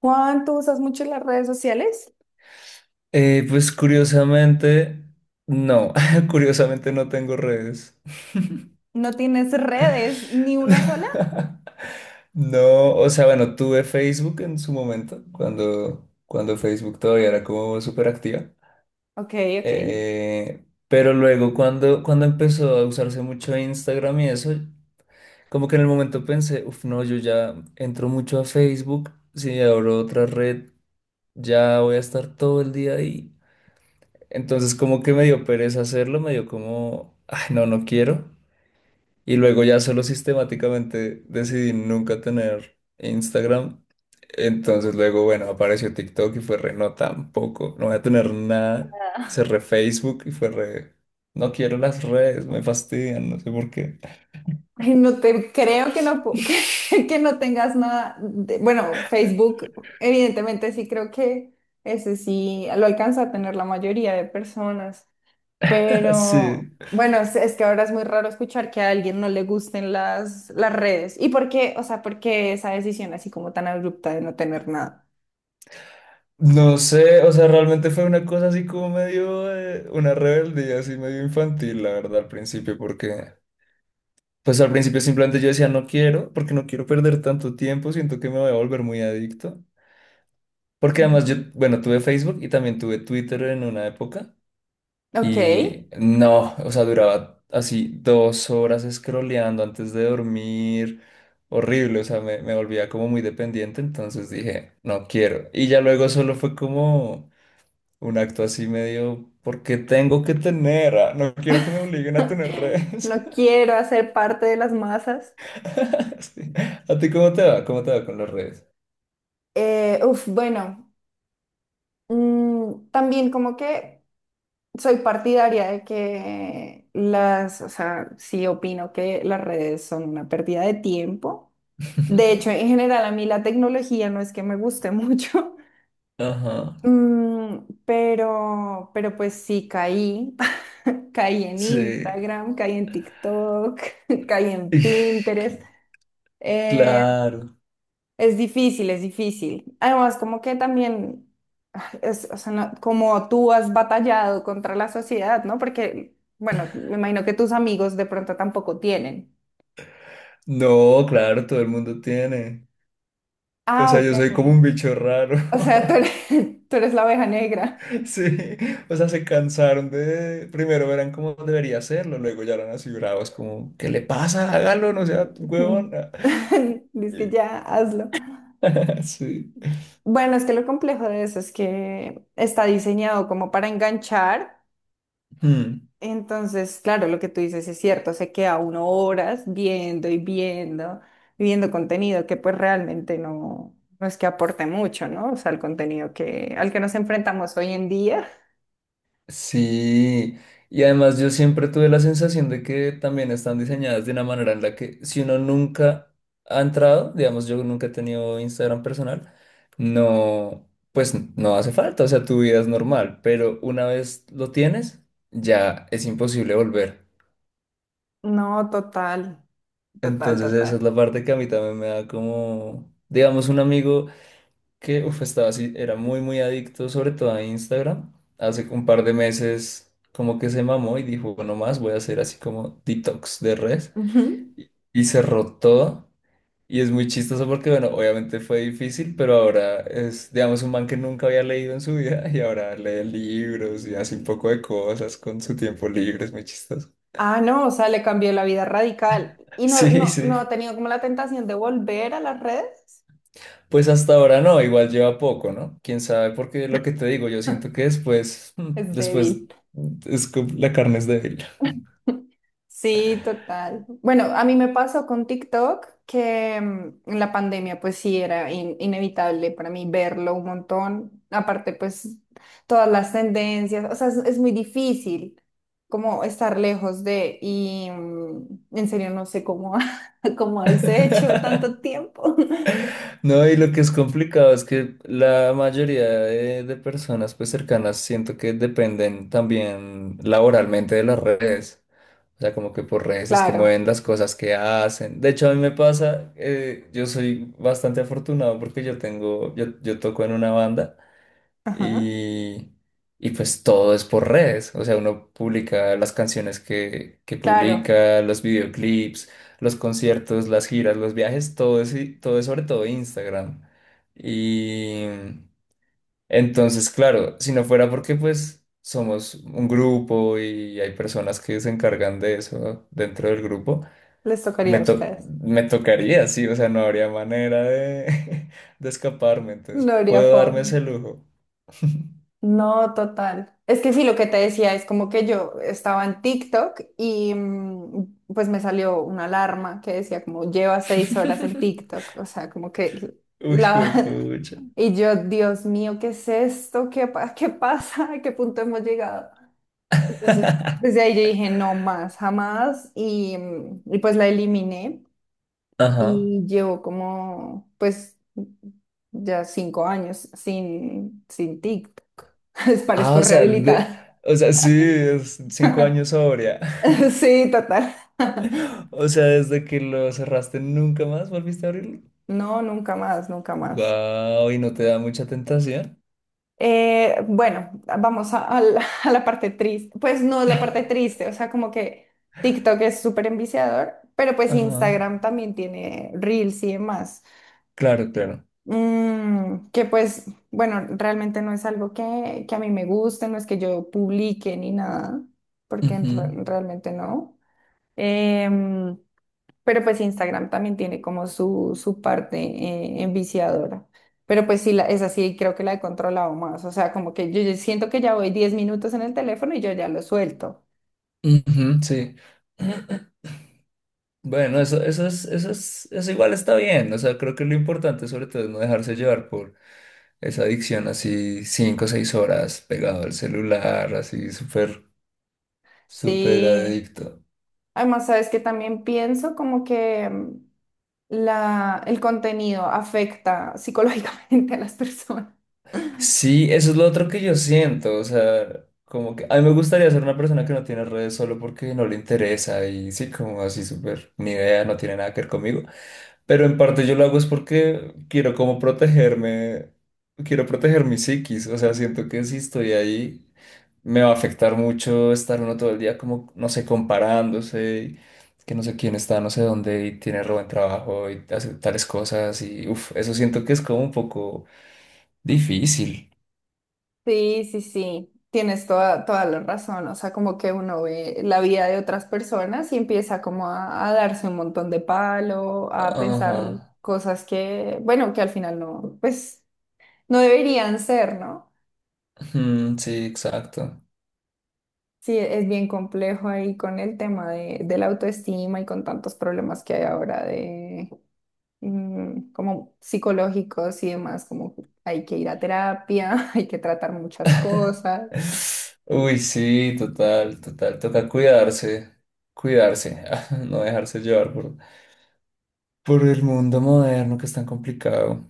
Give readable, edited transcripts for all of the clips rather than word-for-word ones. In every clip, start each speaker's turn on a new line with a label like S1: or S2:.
S1: Juan, ¿tú usas mucho las redes sociales?
S2: Pues curiosamente, no, curiosamente no tengo redes.
S1: ¿No tienes redes ni una sola?
S2: No, o sea, bueno, tuve Facebook en su momento, cuando Facebook todavía era como súper activa.
S1: Ok, ok.
S2: Pero luego cuando empezó a usarse mucho Instagram y eso, como que en el momento pensé, uff, no, yo ya entro mucho a Facebook, si abro otra red, ya voy a estar todo el día ahí. Entonces como que me dio pereza hacerlo, me dio como, ay, no, no quiero. Y luego ya solo sistemáticamente decidí nunca tener Instagram. Entonces luego, bueno, apareció TikTok y fue re, no, tampoco, no voy a tener nada. Cerré Facebook y fue re, no quiero las redes, me fastidian, no sé por qué.
S1: Ay, no te creo que no, pu- que no tengas nada. De- bueno, Facebook, evidentemente sí creo que ese sí lo alcanza a tener la mayoría de personas. Pero
S2: Sí.
S1: bueno, es que ahora es muy raro escuchar que a alguien no le gusten las redes. ¿Y por qué? O sea, ¿por qué esa decisión así como tan abrupta de no tener nada?
S2: No sé, o sea, realmente fue una cosa así como medio, una rebeldía así medio infantil, la verdad, al principio, porque pues al principio simplemente yo decía, no quiero, porque no quiero perder tanto tiempo, siento que me voy a volver muy adicto. Porque además yo,
S1: Ujú.
S2: bueno, tuve Facebook y también tuve Twitter en una época
S1: Ok.
S2: y no, o sea, duraba así dos horas scrolleando antes de dormir, horrible, o sea, me volvía como muy dependiente, entonces dije, no quiero. Y ya luego solo fue como un acto así medio, porque tengo que tener, ah, no quiero que me obliguen a tener redes.
S1: No quiero hacer parte de las masas.
S2: Sí. ¿A ti cómo te va? ¿Cómo te va con las redes?
S1: Uf, bueno, también como que soy partidaria de que las, o sea, sí opino que las redes son una pérdida de tiempo. De hecho, en general a mí la tecnología no es que me guste mucho,
S2: Ajá.
S1: mm, pero pues sí caí. Caí en
S2: Sí.
S1: Instagram, caí en TikTok, caí en Pinterest. eh,
S2: Claro.
S1: Es difícil, es difícil. Además, como que también, es, o sea, no- como tú has batallado contra la sociedad, ¿no? Porque, bueno, me imagino que tus amigos de pronto tampoco tienen.
S2: No, claro, todo el mundo tiene. O
S1: Ah,
S2: sea,
S1: ok.
S2: yo soy como un bicho raro.
S1: O sea, tú eres, tú eres la oveja negra.
S2: Sí. O sea, se cansaron de... Primero verán cómo debería hacerlo, luego ya eran así bravos, como, ¿qué le pasa? Hágalo, no sea huevón.
S1: Dices que ya, hazlo.
S2: Sí.
S1: Bueno, es que lo complejo de eso es que está diseñado como para enganchar. Entonces, claro, lo que tú dices es cierto, se queda uno horas viendo y viendo, y viendo contenido que pues realmente no, no es que aporte mucho, ¿no? O sea, el contenido que, al que nos enfrentamos hoy en día.
S2: Sí, y además yo siempre tuve la sensación de que también están diseñadas de una manera en la que si uno nunca ha entrado, digamos yo nunca he tenido Instagram personal, no, pues no hace falta, o sea, tu vida es normal, pero una vez lo tienes, ya es imposible volver.
S1: No, total, total,
S2: Entonces esa
S1: total.
S2: es la parte que a mí también me da como, digamos, un amigo que uf, estaba así, era muy, muy adicto, sobre todo a Instagram. Hace un par de meses como que se mamó y dijo, bueno, más voy a hacer así como detox de red.
S1: Ujú.
S2: Y cerró todo. Y es muy chistoso porque, bueno, obviamente fue difícil, pero ahora es, digamos, un man que nunca había leído en su vida y ahora lee libros y hace un poco de cosas con su tiempo libre, es muy chistoso.
S1: Ah, no, o sea, le cambió la vida radical. Y no,
S2: Sí,
S1: no,
S2: sí.
S1: no ha tenido como la tentación de volver a las redes.
S2: Pues hasta ahora no, igual lleva poco, ¿no? Quién sabe, porque lo que te digo, yo siento que después, mm,
S1: Es
S2: después
S1: débil.
S2: es la carne es débil.
S1: Sí, total. Bueno, a mí me pasó con TikTok que en la pandemia pues sí era in- inevitable para mí verlo un montón. Aparte pues todas las tendencias, o sea, es muy difícil como estar lejos de y en serio no sé cómo, cómo has hecho tanto tiempo.
S2: No, y lo que es complicado es que la mayoría de personas pues cercanas siento que dependen también laboralmente de las redes. O sea, como que por redes es que
S1: Claro,
S2: mueven las cosas que hacen. De hecho, a mí me pasa, yo soy bastante afortunado porque yo tengo, yo toco en una banda.
S1: ajá,
S2: y, y pues todo es por redes, o sea, uno publica las canciones que
S1: claro,
S2: publica, los videoclips, los conciertos, las giras, los viajes, todo es sobre todo Instagram. Y entonces, claro, si no fuera porque pues somos un grupo y hay personas que se encargan de eso dentro del grupo,
S1: les tocaría
S2: me,
S1: a
S2: to-
S1: ustedes.
S2: me tocaría, sí, o sea, no habría manera de, de escaparme, entonces
S1: No habría
S2: puedo darme
S1: forma.
S2: ese lujo.
S1: No, total. Es que sí, lo que te decía es como que yo estaba en TikTok y pues me salió una alarma que decía como lleva 6 horas en TikTok, o sea, como que
S2: Uy,
S1: la...
S2: pucha.
S1: Y yo, Dios mío, ¿qué es esto? ¿Qué, pa- qué pasa? ¿A qué punto hemos llegado? Entonces, desde ahí yo dije, no más, jamás, y pues la eliminé.
S2: Ajá.
S1: Y llevo como, pues, ya 5 años sin, sin TikTok. Les
S2: Ah,
S1: parezco
S2: o sea, de,
S1: rehabilitada.
S2: o sea, sí, es cinco años sobria.
S1: Sí, total.
S2: O sea, desde que lo cerraste nunca más volviste a abrirlo.
S1: No, nunca más, nunca más.
S2: Guau, y no te da mucha tentación.
S1: Bueno, vamos a la, a la parte triste. Pues no es la parte triste, o sea, como que TikTok es súper enviciador, pero pues
S2: Ajá.
S1: Instagram también tiene Reels y demás.
S2: Claro, claro.
S1: Que pues, bueno, realmente no es algo que a mí me guste, no es que yo publique ni nada, porque en
S2: Ujú.
S1: re- realmente no. Em, pero pues Instagram también tiene como su parte enviciadora. Pero pues sí, la, es así, creo que la he controlado más. O sea, como que yo siento que ya voy 10 minutos en el teléfono y yo ya lo suelto.
S2: Ujú, sí. Bueno, eso igual está bien. O sea, creo que lo importante sobre todo es no dejarse llevar por esa adicción así cinco o seis horas pegado al celular, así súper súper
S1: Sí.
S2: adicto.
S1: Además, sabes que también pienso como que la, el contenido afecta psicológicamente a las personas.
S2: Sí, eso es lo otro que yo siento, o sea, como que a mí me gustaría ser una persona que no tiene redes solo porque no le interesa y sí, como así súper, ni idea, no tiene nada que ver conmigo, pero en parte yo lo hago es porque quiero como protegerme, quiero proteger mi psiquis, o sea, siento que si estoy ahí me va a afectar mucho estar uno todo el día como, no sé, comparándose y que no sé quién está, no sé dónde y tiene re buen trabajo y hace tales cosas y uff, eso siento que es como un poco difícil.
S1: Sí, sí, sí, tienes toda, toda la razón. O sea, como que uno ve la vida de otras personas y empieza como a darse un montón de palo, a
S2: Ajá.
S1: pensar cosas que, bueno, que al final no, pues no deberían ser, ¿no?
S2: Mm, sí, exacto.
S1: Sí, es bien complejo ahí con el tema de la autoestima y con tantos problemas que hay ahora como psicológicos y demás, como que hay que ir a terapia, hay que tratar muchas cosas.
S2: Uy, sí, total, total. Toca cuidarse, cuidarse, no dejarse llevar por el mundo moderno que es tan complicado.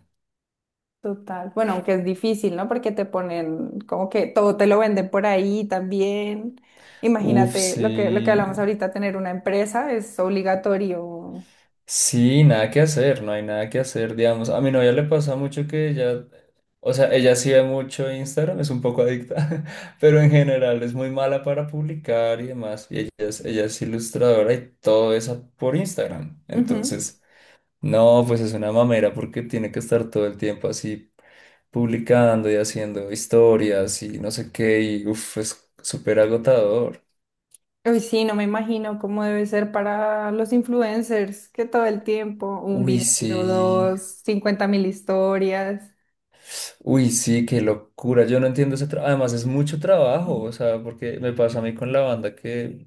S1: Total. Bueno, aunque es difícil, ¿no? Porque te ponen como que todo te lo venden por ahí también.
S2: Uf,
S1: Imagínate lo que
S2: sí.
S1: hablamos ahorita, tener una empresa es obligatorio.
S2: Sí, nada que hacer, no hay nada que hacer, digamos. A mi novia le pasa mucho que ella, o sea, ella sí ve mucho Instagram, es un poco adicta, pero en general es muy mala para publicar y demás. Ella es ilustradora y todo eso por Instagram.
S1: Ujú.
S2: Entonces, no, pues es una mamera porque tiene que estar todo el tiempo así publicando y haciendo historias y no sé qué, y uff, es súper agotador.
S1: Uy, sí, no me imagino cómo debe ser para los influencers, que todo el tiempo, un
S2: Uy,
S1: video,
S2: sí.
S1: dos, 50 mil historias.
S2: Uy, sí, qué locura. Yo no entiendo ese trabajo. Además, es mucho trabajo, o sea, porque me pasa a mí con la banda que,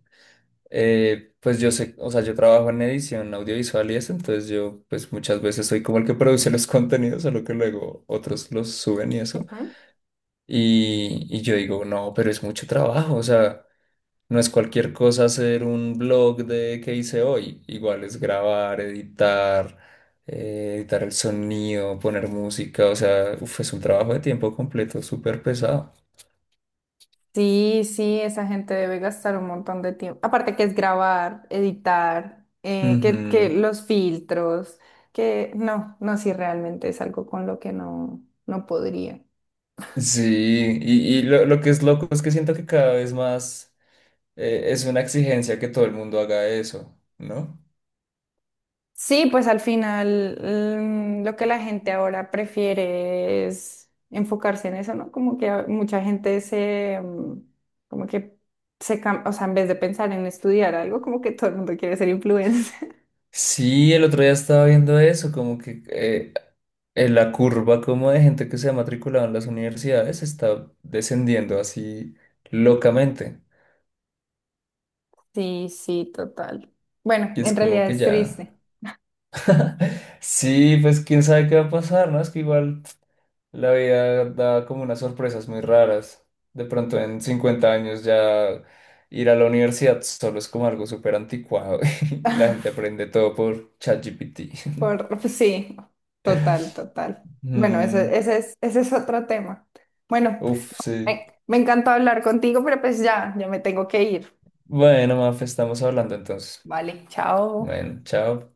S2: pues yo sé, o sea, yo trabajo en edición audiovisual y eso, entonces yo, pues muchas veces soy como el que produce los contenidos, solo que luego otros los suben y eso.
S1: Ujú.
S2: Y yo digo, no, pero es mucho trabajo, o sea. No es cualquier cosa hacer un blog de qué hice hoy. Igual es grabar, editar, editar el sonido, poner música. O sea, uf, es un trabajo de tiempo completo súper pesado.
S1: Sí, sí, esa gente debe gastar un montón de tiempo. Aparte que es grabar, editar, que
S2: Ujú.
S1: los filtros, que no, no, sí, realmente es algo con lo que no, no podría.
S2: Y lo que es loco es que siento que cada vez más es una exigencia que todo el mundo haga eso, ¿no?
S1: Sí, pues al final lo que la gente ahora prefiere es enfocarse en eso, ¿no? Como que a- mucha gente se, como que se, cam- o sea, en vez de pensar en estudiar algo, como que todo el mundo quiere ser influencer.
S2: Sí, el otro día estaba viendo eso, como que la curva como de gente que se ha matriculado en las universidades está descendiendo así locamente.
S1: Sí, sí, total. Bueno,
S2: Y es
S1: en
S2: como
S1: realidad
S2: que
S1: es
S2: ya...
S1: triste.
S2: Sí, pues quién sabe qué va a pasar, ¿no? Es que igual la vida da como unas sorpresas muy raras. De pronto en 50 años ya ir a la universidad solo es como algo súper anticuado y la gente aprende todo por ChatGPT.
S1: Por, sí, total, total. Bueno, ese,
S2: Mm,
S1: ese es otro tema. Bueno,
S2: uf, sí.
S1: me encantó hablar contigo, pero pues ya, ya me tengo que ir.
S2: Bueno, Mafe, estamos hablando entonces.
S1: Vale, chao.
S2: Bueno, chao.